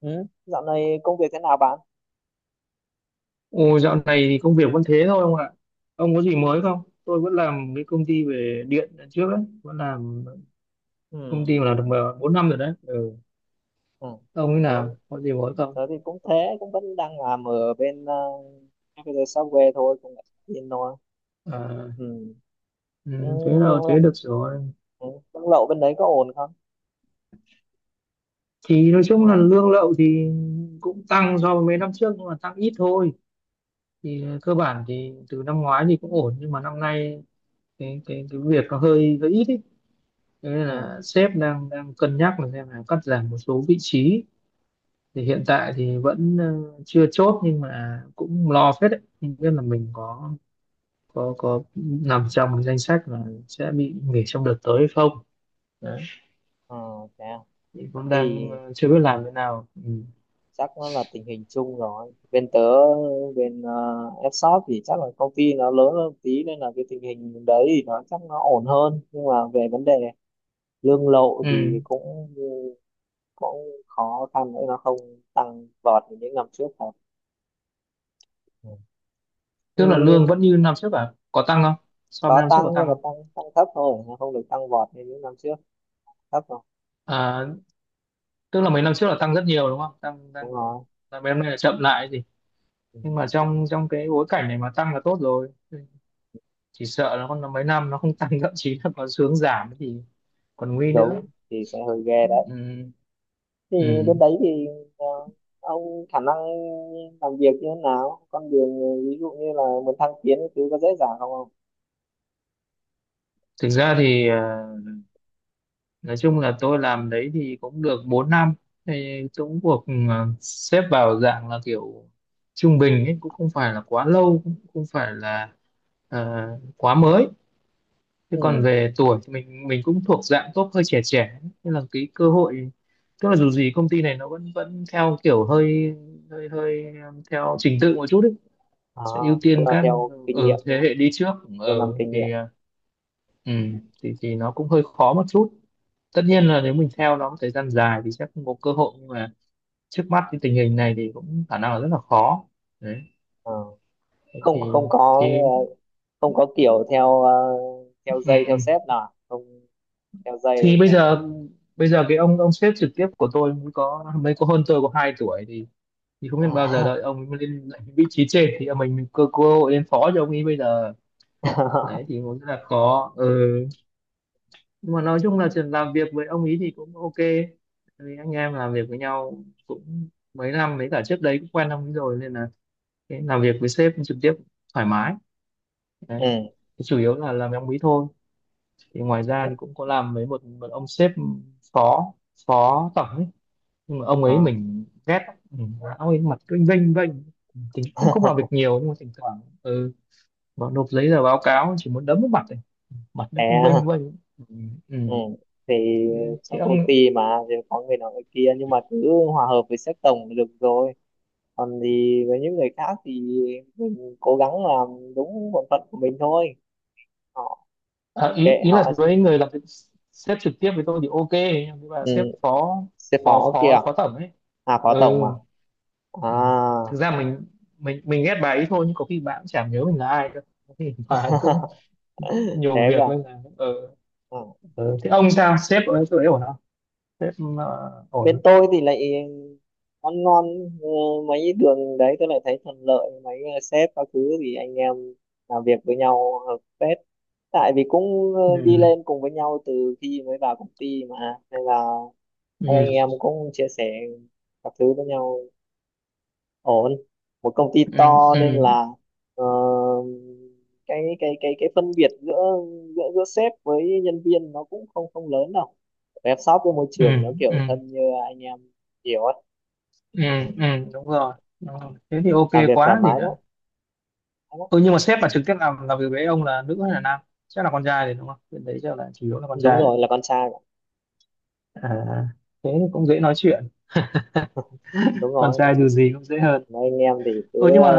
Ừ. Dạo này công việc thế nào bạn? Ồ, dạo này thì công việc vẫn thế thôi ông ạ. Ông có gì mới không? Tôi vẫn làm cái công ty về điện lần trước ấy, vẫn làm công Ừ. ty mà làm được 4 năm rồi đấy. Ừ. Ừ. Ông ấy Tớ, nào, có gì mới không? tớ thì cũng thế, cũng vẫn đang làm ở bên Computer Software thôi, cũng yên thôi. À, Ừ. ừ, Ừ, thế nhưng nào thế mà- được rồi. ừ, Công lậu bên đấy có ổn không? Thì nói chung là lương lậu thì cũng tăng so với mấy năm trước nhưng mà tăng ít thôi. Thì cơ bản thì từ năm ngoái thì cũng ổn nhưng mà năm nay cái việc nó hơi hơi ít ấy. Thế nên Ừ. là sếp đang đang cân nhắc là xem là cắt giảm một số vị trí thì hiện tại thì vẫn chưa chốt nhưng mà cũng lo phết đấy, không biết là mình có nằm trong danh sách là sẽ bị nghỉ trong đợt tới hay không đấy, Ừ. Thế à? thì cũng đang Thì chưa biết làm thế nào. Ừ. chắc nó là tình hình chung rồi. Bên f thì chắc là công ty nó lớn hơn tí nên là cái tình hình đấy thì nó chắc nó ổn hơn. Nhưng mà về vấn đề lương lậu thì Ừ. cũng cũng khó khăn nữa, nó không tăng vọt như những năm trước thật. Ừ. Thì Tức là lương vẫn như năm trước à, có tăng không, so với có năm trước có tăng nhưng tăng mà không? tăng tăng thấp thôi, nó không được tăng vọt như những năm trước, thấp rồi. À, tức là mấy năm trước là tăng rất nhiều đúng không, tăng Đúng tăng rồi. là mấy năm nay là chậm lại gì, Ừ. nhưng mà trong trong cái bối cảnh này mà tăng là tốt rồi, chỉ sợ là còn mấy năm nó không tăng thậm chí là còn xuống giảm thì còn nguy nữa. Đúng thì sẽ hơi ghê đấy. Ừ, Thì bên ừ. đấy thì ờ, ông khả năng làm việc như thế nào, con đường, ví dụ như là muốn thăng tiến cái thứ có dễ dàng không không? Thực ra thì nói chung là tôi làm đấy thì cũng được 4 năm thì cũng cuộc xếp vào dạng là kiểu trung bình ấy, cũng không phải là quá lâu cũng không phải là ờ, quá mới. Thế còn Ừ. về tuổi thì mình cũng thuộc dạng top hơi trẻ trẻ nên là cái cơ hội tức là dù gì công ty này nó vẫn vẫn theo kiểu hơi hơi hơi theo trình tự một chút ấy, À, sẽ ưu tức tiên là các theo kinh ở nghiệm đúng thế không, hệ đi trước theo năm ở kinh nghiệm? thì ừ, thì nó cũng hơi khó một chút. Tất nhiên là nếu mình theo nó một thời gian dài thì sẽ không có cơ hội, nhưng mà trước mắt cái tình hình này thì cũng khả năng là rất là khó đấy. Ờ. Thế không không có, thì ờ, không có kiểu theo ờ, ừ, theo dây, ừ. theo sếp nào không? Đeo dây Thì được rồi. Bây giờ cái ông sếp trực tiếp của tôi mới có hơn tôi có 2 tuổi thì không biết bao giờ đợi ông ấy mới lên lại vị trí trên thì mình cơ cơ hội lên phó cho ông ấy bây giờ đấy thì cũng rất là khó. Ừ, nhưng mà nói chung là chuyện làm việc với ông ý thì cũng ok. Tại vì anh em làm việc với nhau cũng mấy năm, với cả trước đấy cũng quen ông ý rồi nên là cái làm việc với sếp trực tiếp thoải mái đấy. Ừ Thì chủ yếu là làm với ông ý thôi, thì ngoài ra đấy. thì cũng có làm với một ông sếp phó, phó tổng ấy, nhưng mà ông ấy Ờ. mình ghét lắm. Ừ. Ông ấy mặt cứ vênh vênh, thì cũng không làm việc nhiều nhưng mà thỉnh thoảng vào nộp giấy tờ báo cáo chỉ muốn đấm vào mặt này, mặt Thế nó cứ vênh à? vênh. Ừ. Ừ. Ừ. Thì Thế thì trong công ông. ty mà, thì có người nọ người kia nhưng mà cứ hòa hợp với sếp tổng là được rồi. Còn thì với những người khác thì mình cố gắng làm đúng bổn phận của mình thôi, họ À, ý kệ ý là họ. với người làm việc sếp trực tiếp với tôi thì ok nhưng mà Ừ. sếp phó Sếp phó phó kia, phó phó tổng ấy. à phó Ừ, tổng à? À. ừ. Thực ra mình ghét bà ấy thôi, nhưng có khi bà cũng chả nhớ mình là ai đâu, có khi bà ấy cũng nhiều Thế cơ việc nên là ừ. à? Ừ. Thế ông sao, sếp ở chỗ ấy ổn không, sếp ổn Bên không? tôi thì lại ăn ngon, ờ, mấy đường đấy tôi lại thấy thuận lợi, mấy sếp các thứ thì anh em làm việc với nhau hợp phết, tại vì cũng đi Ừ. lên cùng với nhau từ khi mới vào công ty mà. Nên là các anh Ừ. em cũng chia sẻ các thứ với nhau, ổn. Một công ty Ừ. to nên Ừ. là ờ, cái phân biệt giữa giữa giữa sếp với nhân viên nó cũng không không lớn đâu. Web shop với môi Ừ. trường nó Ừ. kiểu thân như anh em, hiểu. Ừ. Ừ. Ừ. Đúng rồi. Đúng rồi, thế thì ok Làm việc thoải quá gì mái lắm, nữa. thoải mái lắm. Ừ, nhưng mà sếp mà trực tiếp làm việc với ông là nữ hay là nam, chắc là con trai thì đúng không, bên đấy chắc là chủ yếu là con Đúng trai. rồi, là con trai mà. À, thế thì cũng dễ nói chuyện, Đúng con rồi. trai dù mấy, gì cũng dễ hơn. mấy anh em thì cứ Ừ nhưng mà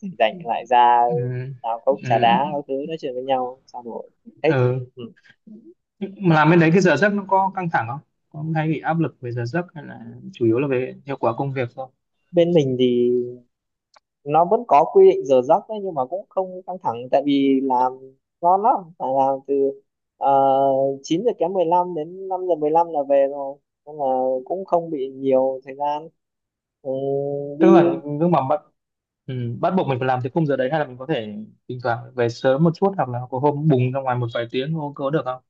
rảnh rảnh lại ra ừ, làm cốc trà ừ, đá các thứ, nói chuyện với nhau trao đổi, thích. ừ. Ừ. Mà làm bên đấy cái giờ giấc nó có căng thẳng không, có hay bị áp lực về giờ giấc hay là chủ yếu là về hiệu quả công việc thôi, Bên mình thì nó vẫn có quy định giờ giấc đấy nhưng mà cũng không căng thẳng, tại vì làm ngon lắm, phải làm từ 9 giờ kém 15 đến 5:15 là về rồi, nên là cũng không bị nhiều thời gian. Ừ, tức đi. là lúc mà bắt ừ, bắt buộc mình phải làm tới khung giờ đấy hay là mình có thể thỉnh thoảng về sớm một chút hoặc là có hôm bùng ra ngoài một vài tiếng không, có được không,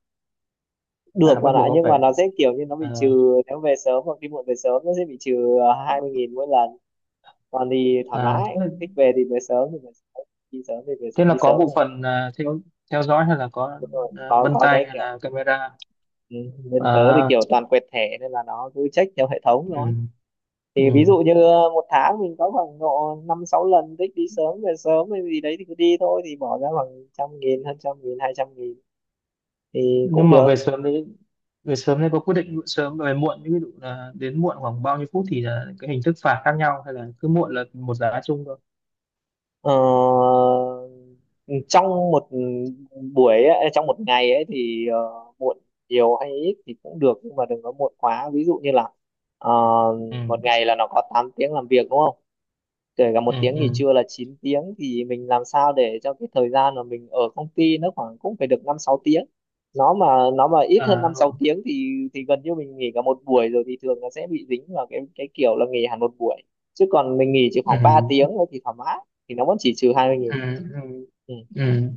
Được hay là bắt bạn buộc ạ, ông nhưng mà phải nó sẽ kiểu như nó bị trừ ờ, nếu về sớm hoặc đi muộn. Về sớm nó sẽ bị trừ à, 20.000 mỗi lần. Còn thì thoải à, mái, thế. thích về thì về sớm thì về sớm, đi sớm thì về, Thế là đi có sớm bộ thôi. phận à, theo theo dõi hay là có Đúng rồi. à, có vân có tay cái hay kiểu, là camera. ừ, bên tớ thì À kiểu toàn quẹt thẻ nên là nó cứ check theo hệ thống thôi. ừ, Thì ví ừ. dụ như một tháng mình có khoảng độ năm sáu lần thích đi sớm về sớm hay gì đấy thì cứ đi thôi, thì bỏ ra khoảng 100.000, hơn 100.000, 200.000 thì cũng Nhưng mà về được. sớm đấy, về sớm đấy có quyết định sớm và về muộn, ví dụ là đến muộn khoảng bao nhiêu phút thì là cái hình thức phạt khác nhau hay là cứ muộn là một giá chung thôi. Ờ, trong một buổi ấy, trong một ngày ấy thì muộn nhiều hay ít thì cũng được, nhưng mà đừng có muộn quá, ví dụ như là ờ, một Ừ ngày là nó có 8 tiếng làm việc đúng không, kể cả ừ một tiếng nghỉ ừ trưa là 9 tiếng, thì mình làm sao để cho cái thời gian mà mình ở công ty nó khoảng cũng phải được 5 6 tiếng. Nó mà nó mà ít hơn à, 5 6 tiếng thì gần như mình nghỉ cả một buổi rồi, thì thường nó sẽ bị dính vào cái kiểu là nghỉ hẳn một buổi. Chứ còn mình nghỉ chỉ ừ khoảng 3 ừ tiếng thôi thì thoải mái, thì nó vẫn chỉ trừ 20.000. ừ Ừ. ừ.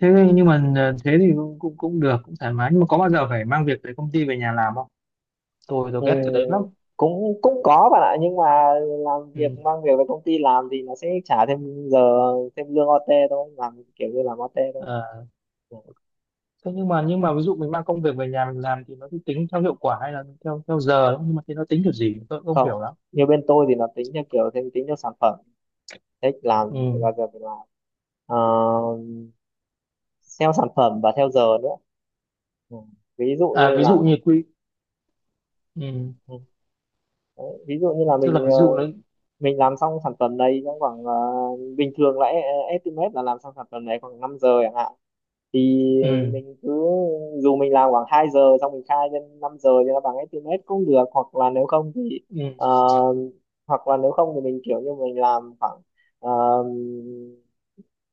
Thế nhưng mà à, thế thì cũng cũng cũng được, cũng thoải mái, nhưng mà có bao giờ phải mang việc về công ty về nhà làm không, tôi Ừ, ghét cái đấy lắm. cũng cũng có bạn ạ, nhưng mà làm việc Ừ. mang việc về công ty làm thì nó sẽ trả thêm giờ, thêm lương OT thôi, làm kiểu như làm OT thôi. À, Ừ. thế nhưng mà ví dụ mình mang công việc về nhà mình làm thì nó sẽ tính theo hiệu quả hay là theo theo giờ không? Nhưng mà thế nó tính kiểu gì tôi cũng không Không, hiểu lắm. như bên tôi thì nó tính theo kiểu thêm, tính theo sản phẩm, thích làm thì Ừ. bao giờ phải làm. Ờ, theo sản phẩm và theo giờ nữa. Ừ. Ví dụ như À ví là, dụ như quy. Ừ. ừ, đấy, ví dụ như là Tức là ví dụ nó mình làm xong sản phẩm này trong khoảng, bình thường là estimate là làm xong sản phẩm này khoảng 5 giờ chẳng hạn, thì ừ. mình cứ, dù mình làm khoảng 2 giờ xong mình khai lên 5 giờ thì nó bằng estimate cũng được, hoặc là nếu không thì Ừ. ờ, hoặc là nếu không thì mình kiểu như mình làm khoảng, ờ,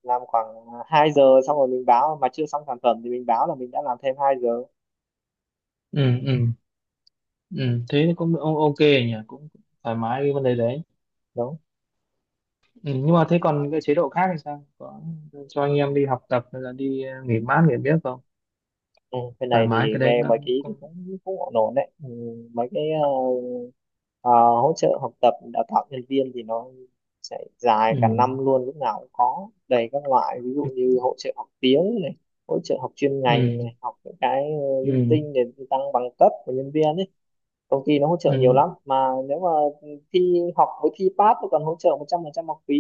làm khoảng 2 giờ xong rồi mình báo mà chưa xong sản phẩm thì mình báo là mình đã làm thêm 2 giờ. Ừ. Ừ. Ừ. Thế thì cũng o- ok nhỉ, cũng thoải mái cái vấn đề đấy. Đúng. Ừ. Nhưng mà thế còn cái chế độ khác thì sao, có cho anh em đi học tập hay là đi nghỉ mát nghỉ biết không, Ừ, bên thoải này mái thì cái đấy nghe nó mấy cái ý thì cũng cũng cũng ổn ổn đấy. Ừ, mấy cái ờ, hỗ trợ học tập đào tạo nhân viên thì nó sẽ dài cả ừ. năm luôn, lúc nào cũng có đầy các loại, ví dụ như hỗ trợ học tiếng này, hỗ trợ học chuyên Ừ. ngành Ừ. này, học những cái linh Ừ. tinh để tăng bằng cấp của nhân viên ấy. Công ty nó hỗ trợ Ừ. nhiều lắm, mà nếu mà thi học với thi pass nó còn hỗ trợ 100% học phí,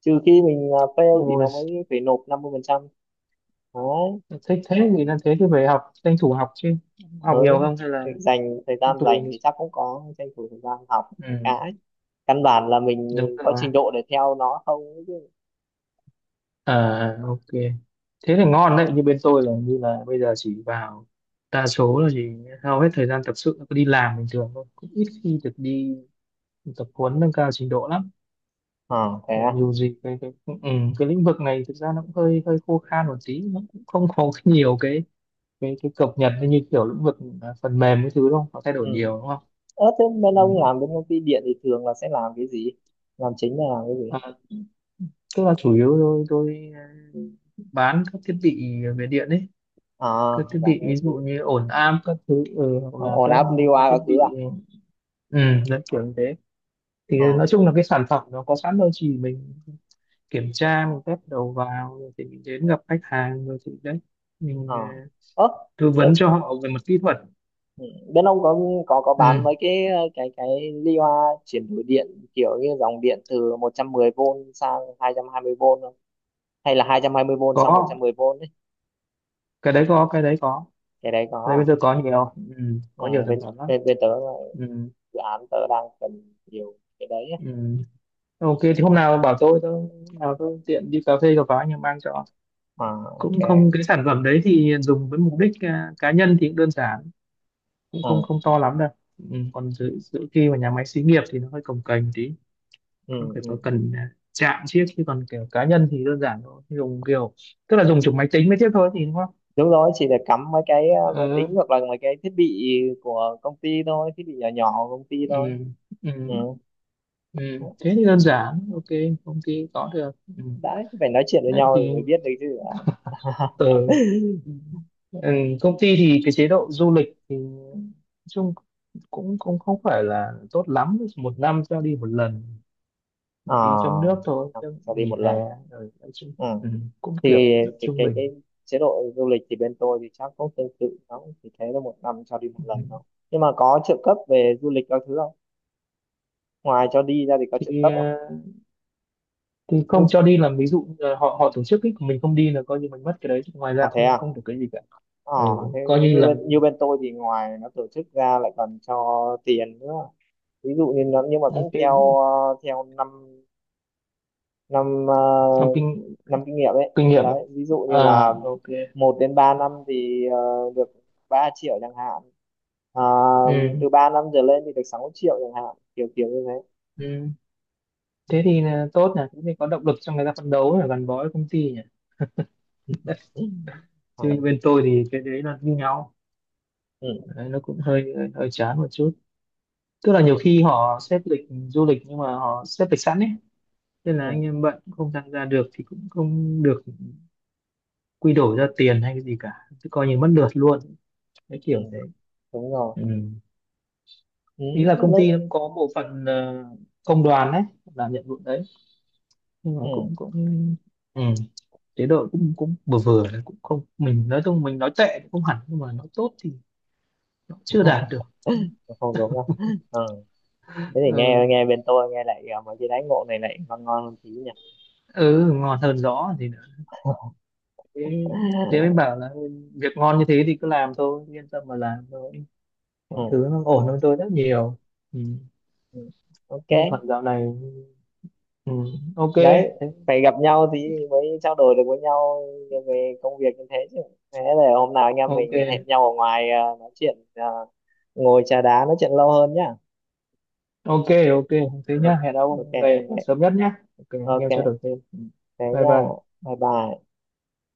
trừ khi mình fail thì Ôi nó mới phải nộp 50%. Đấy. thích thế, thì là thế thì phải học tranh thủ học chứ, Ừ. học nhiều không hay Thì là dành thời cũng gian, tùy em. dành thì chắc cũng có tranh thủ thời gian học mấy Ừ, cái, căn bản là mình đúng có rồi. trình độ để theo nó không ấy chứ. À ok, thế thì ngon đấy. Như bên tôi là như là bây giờ chỉ vào đa số là chỉ hầu hết thời gian tập sự là cứ đi làm bình thường thôi, cũng ít khi được đi tập huấn nâng cao trình độ lắm. À thế Tại à? dù gì cái ừ, ừ, cái lĩnh vực này thực ra nó cũng hơi hơi khô khan một tí, nó cũng không có nhiều cái cập nhật như kiểu lĩnh vực à, phần mềm cái thứ đâu nó thay đổi Ừ. nhiều đúng không. Ơ, thế bên ông làm bên công ty điện thì thường là sẽ làm cái gì, làm chính là làm cái gì? Ừ. Tức là chủ yếu tôi bán các thiết bị về điện ấy, À, các thiết làm bị cái ví gì, dụ như ổn áp các thứ, ừ, hoặc là ổn các áp lưu a thiết các thứ à? bị ừ, dân kiểu như thế. Thì ờ nói chung là cái sản phẩm nó có sẵn rồi, chỉ mình kiểm tra mình test đầu vào rồi thì mình đến gặp khách hàng rồi thì đấy mình ờ Ơ, tư thế. vấn cho họ về mặt kỹ thuật. Ừ, bên ông có bán Ừ, mấy cái cái ly hoa chuyển đổi điện kiểu như dòng điện từ 110V sang hai hai trăm hai mươi vôn không? Hay là hai hai trăm hai mươi vôn sang có, 110V ấy? cái đấy có, cái đấy có, Cái đấy cái đấy có bây giờ à? có nhiều, ừ, Ừ, có nhiều sản bên phẩm lắm. bên bên tớ là Ừ, dự án tớ đang cần nhiều cái đấy á. ừ. Ok, thì Ừ. hôm nào bảo tôi hôm nào tôi tiện đi cà phê cà pháo nhưng mang cho, À, cũng không ok. cái sản phẩm đấy thì dùng với mục đích à, cá nhân thì cũng đơn giản, cũng Ừ. không không to lắm đâu. Ừ, còn Ừ. giữ giữ khi mà nhà máy xí nghiệp thì nó hơi cồng kềnh tí, Ừ. nó phải Ừ. có cần à, chạm chiếc, chứ còn kiểu cá nhân thì đơn giản thôi, dùng kiểu tức là dùng chụp máy tính mới tiếp thôi thì đúng không. Đúng rồi, chỉ để cắm mấy cái máy tính Ừ, hoặc là mấy cái thiết bị của công ty thôi, thiết bị nhỏ nhỏ của công ty thôi. ừ, ừ, Ừ. ừ. Thế thì đơn giản ok, công ty có được. Ừ. Đấy, phải nói chuyện với Đấy nhau rồi thì mới biết được chứ. ừ. Ừ. Ừ, công ty thì cái chế độ du lịch thì nói chung cũng cũng không phải là tốt lắm, một năm cho đi một lần mà đi trong À, nước thôi cái sẽ đi nghỉ một hè lần à? rồi, nói chung Ừ. ừ, cũng Thì kiểu cái trung cái bình. cái chế độ du lịch thì bên tôi thì chắc cũng tương tự, nó cũng chỉ thế là 1 năm cho đi một Ừ. lần thôi. Nhưng mà có trợ cấp về du lịch các thứ không, ngoài cho đi ra thì có trợ Thì cấp không? ờ, thì Như, không cho đi là ví dụ như là họ họ tổ chức ấy, còn mình không đi là coi như mình mất cái đấy, chứ ngoài à ra thế không, à? không được cái gì cả. ờ Ừ, Thế, coi thế như như là bên như bên tôi thì ngoài nó tổ chức ra lại còn cho tiền nữa, ví dụ như nó, nhưng mà cũng cái theo theo năm năm trong ờ, kinh năm kinh nghiệm ấy. kinh nghiệm. Đấy, ví dụ như À là ok. 1 đến 3 năm thì được 3.000.000 chẳng hạn. À, Ừ. từ 3 năm trở lên thì được 6.000.000 chẳng hạn, kiểu kiểu như thế. Ừ. Thế thì là tốt nhỉ, thế thì có động lực cho người ta phấn đấu và gắn bó với công ty nhỉ, Ừ. Ừ. chứ như bên tôi thì cái đấy là như nhau đấy, nó cũng hơi hơi chán một chút. Tức là nhiều Ừ. khi họ xếp lịch du lịch nhưng mà họ xếp lịch sẵn ấy, nên là Ừ. anh Ừ. em bận không tham gia được thì cũng không được quy đổi ra tiền hay cái gì cả, cứ coi như mất lượt luôn, cái Ừ. kiểu thế. Đúng rồi. Ừ. Ừ. Ý là công Lúc. ty nó cũng có bộ phận công đoàn đấy làm nhiệm vụ đấy, nhưng mà Ừ. cũng cũng ừ. Chế độ cũng cũng vừa vừa đấy, cũng không, mình nói chung mình nói tệ cũng không hẳn nhưng mà nói tốt thì nó chưa đạt được. Không đúng đâu. Ừ. Thế thì Ừ, nghe nghe bên tôi nghe lại à, mấy cái đáy ngộ này lại ngon ngon hơn tí nhỉ. ừ ngon hơn rõ thì nữa. Thế, thế mới bảo là việc ngon như thế thì cứ làm thôi, yên tâm mà làm thôi, mọi thứ Ừ. nó ổn hơn tôi rất nhiều. Ừ. Ừ. Ok. Như còn dạo này ừ. Ok. Đấy, Thế- phải gặp nhau thì mới trao đổi được với nhau về công việc như thế chứ. Thế là hôm nào anh em ok mình hẹn nhau ở ngoài, à nói chuyện, à ngồi trà đá nói chuyện lâu hơn nhá. ok ok, thế Ừ, nhá, hẹn ok ông về ok sớm nhất nhá, ok anh em trao ok, đổi thêm. Ừ. thế Bye nha. bye. Bye bye.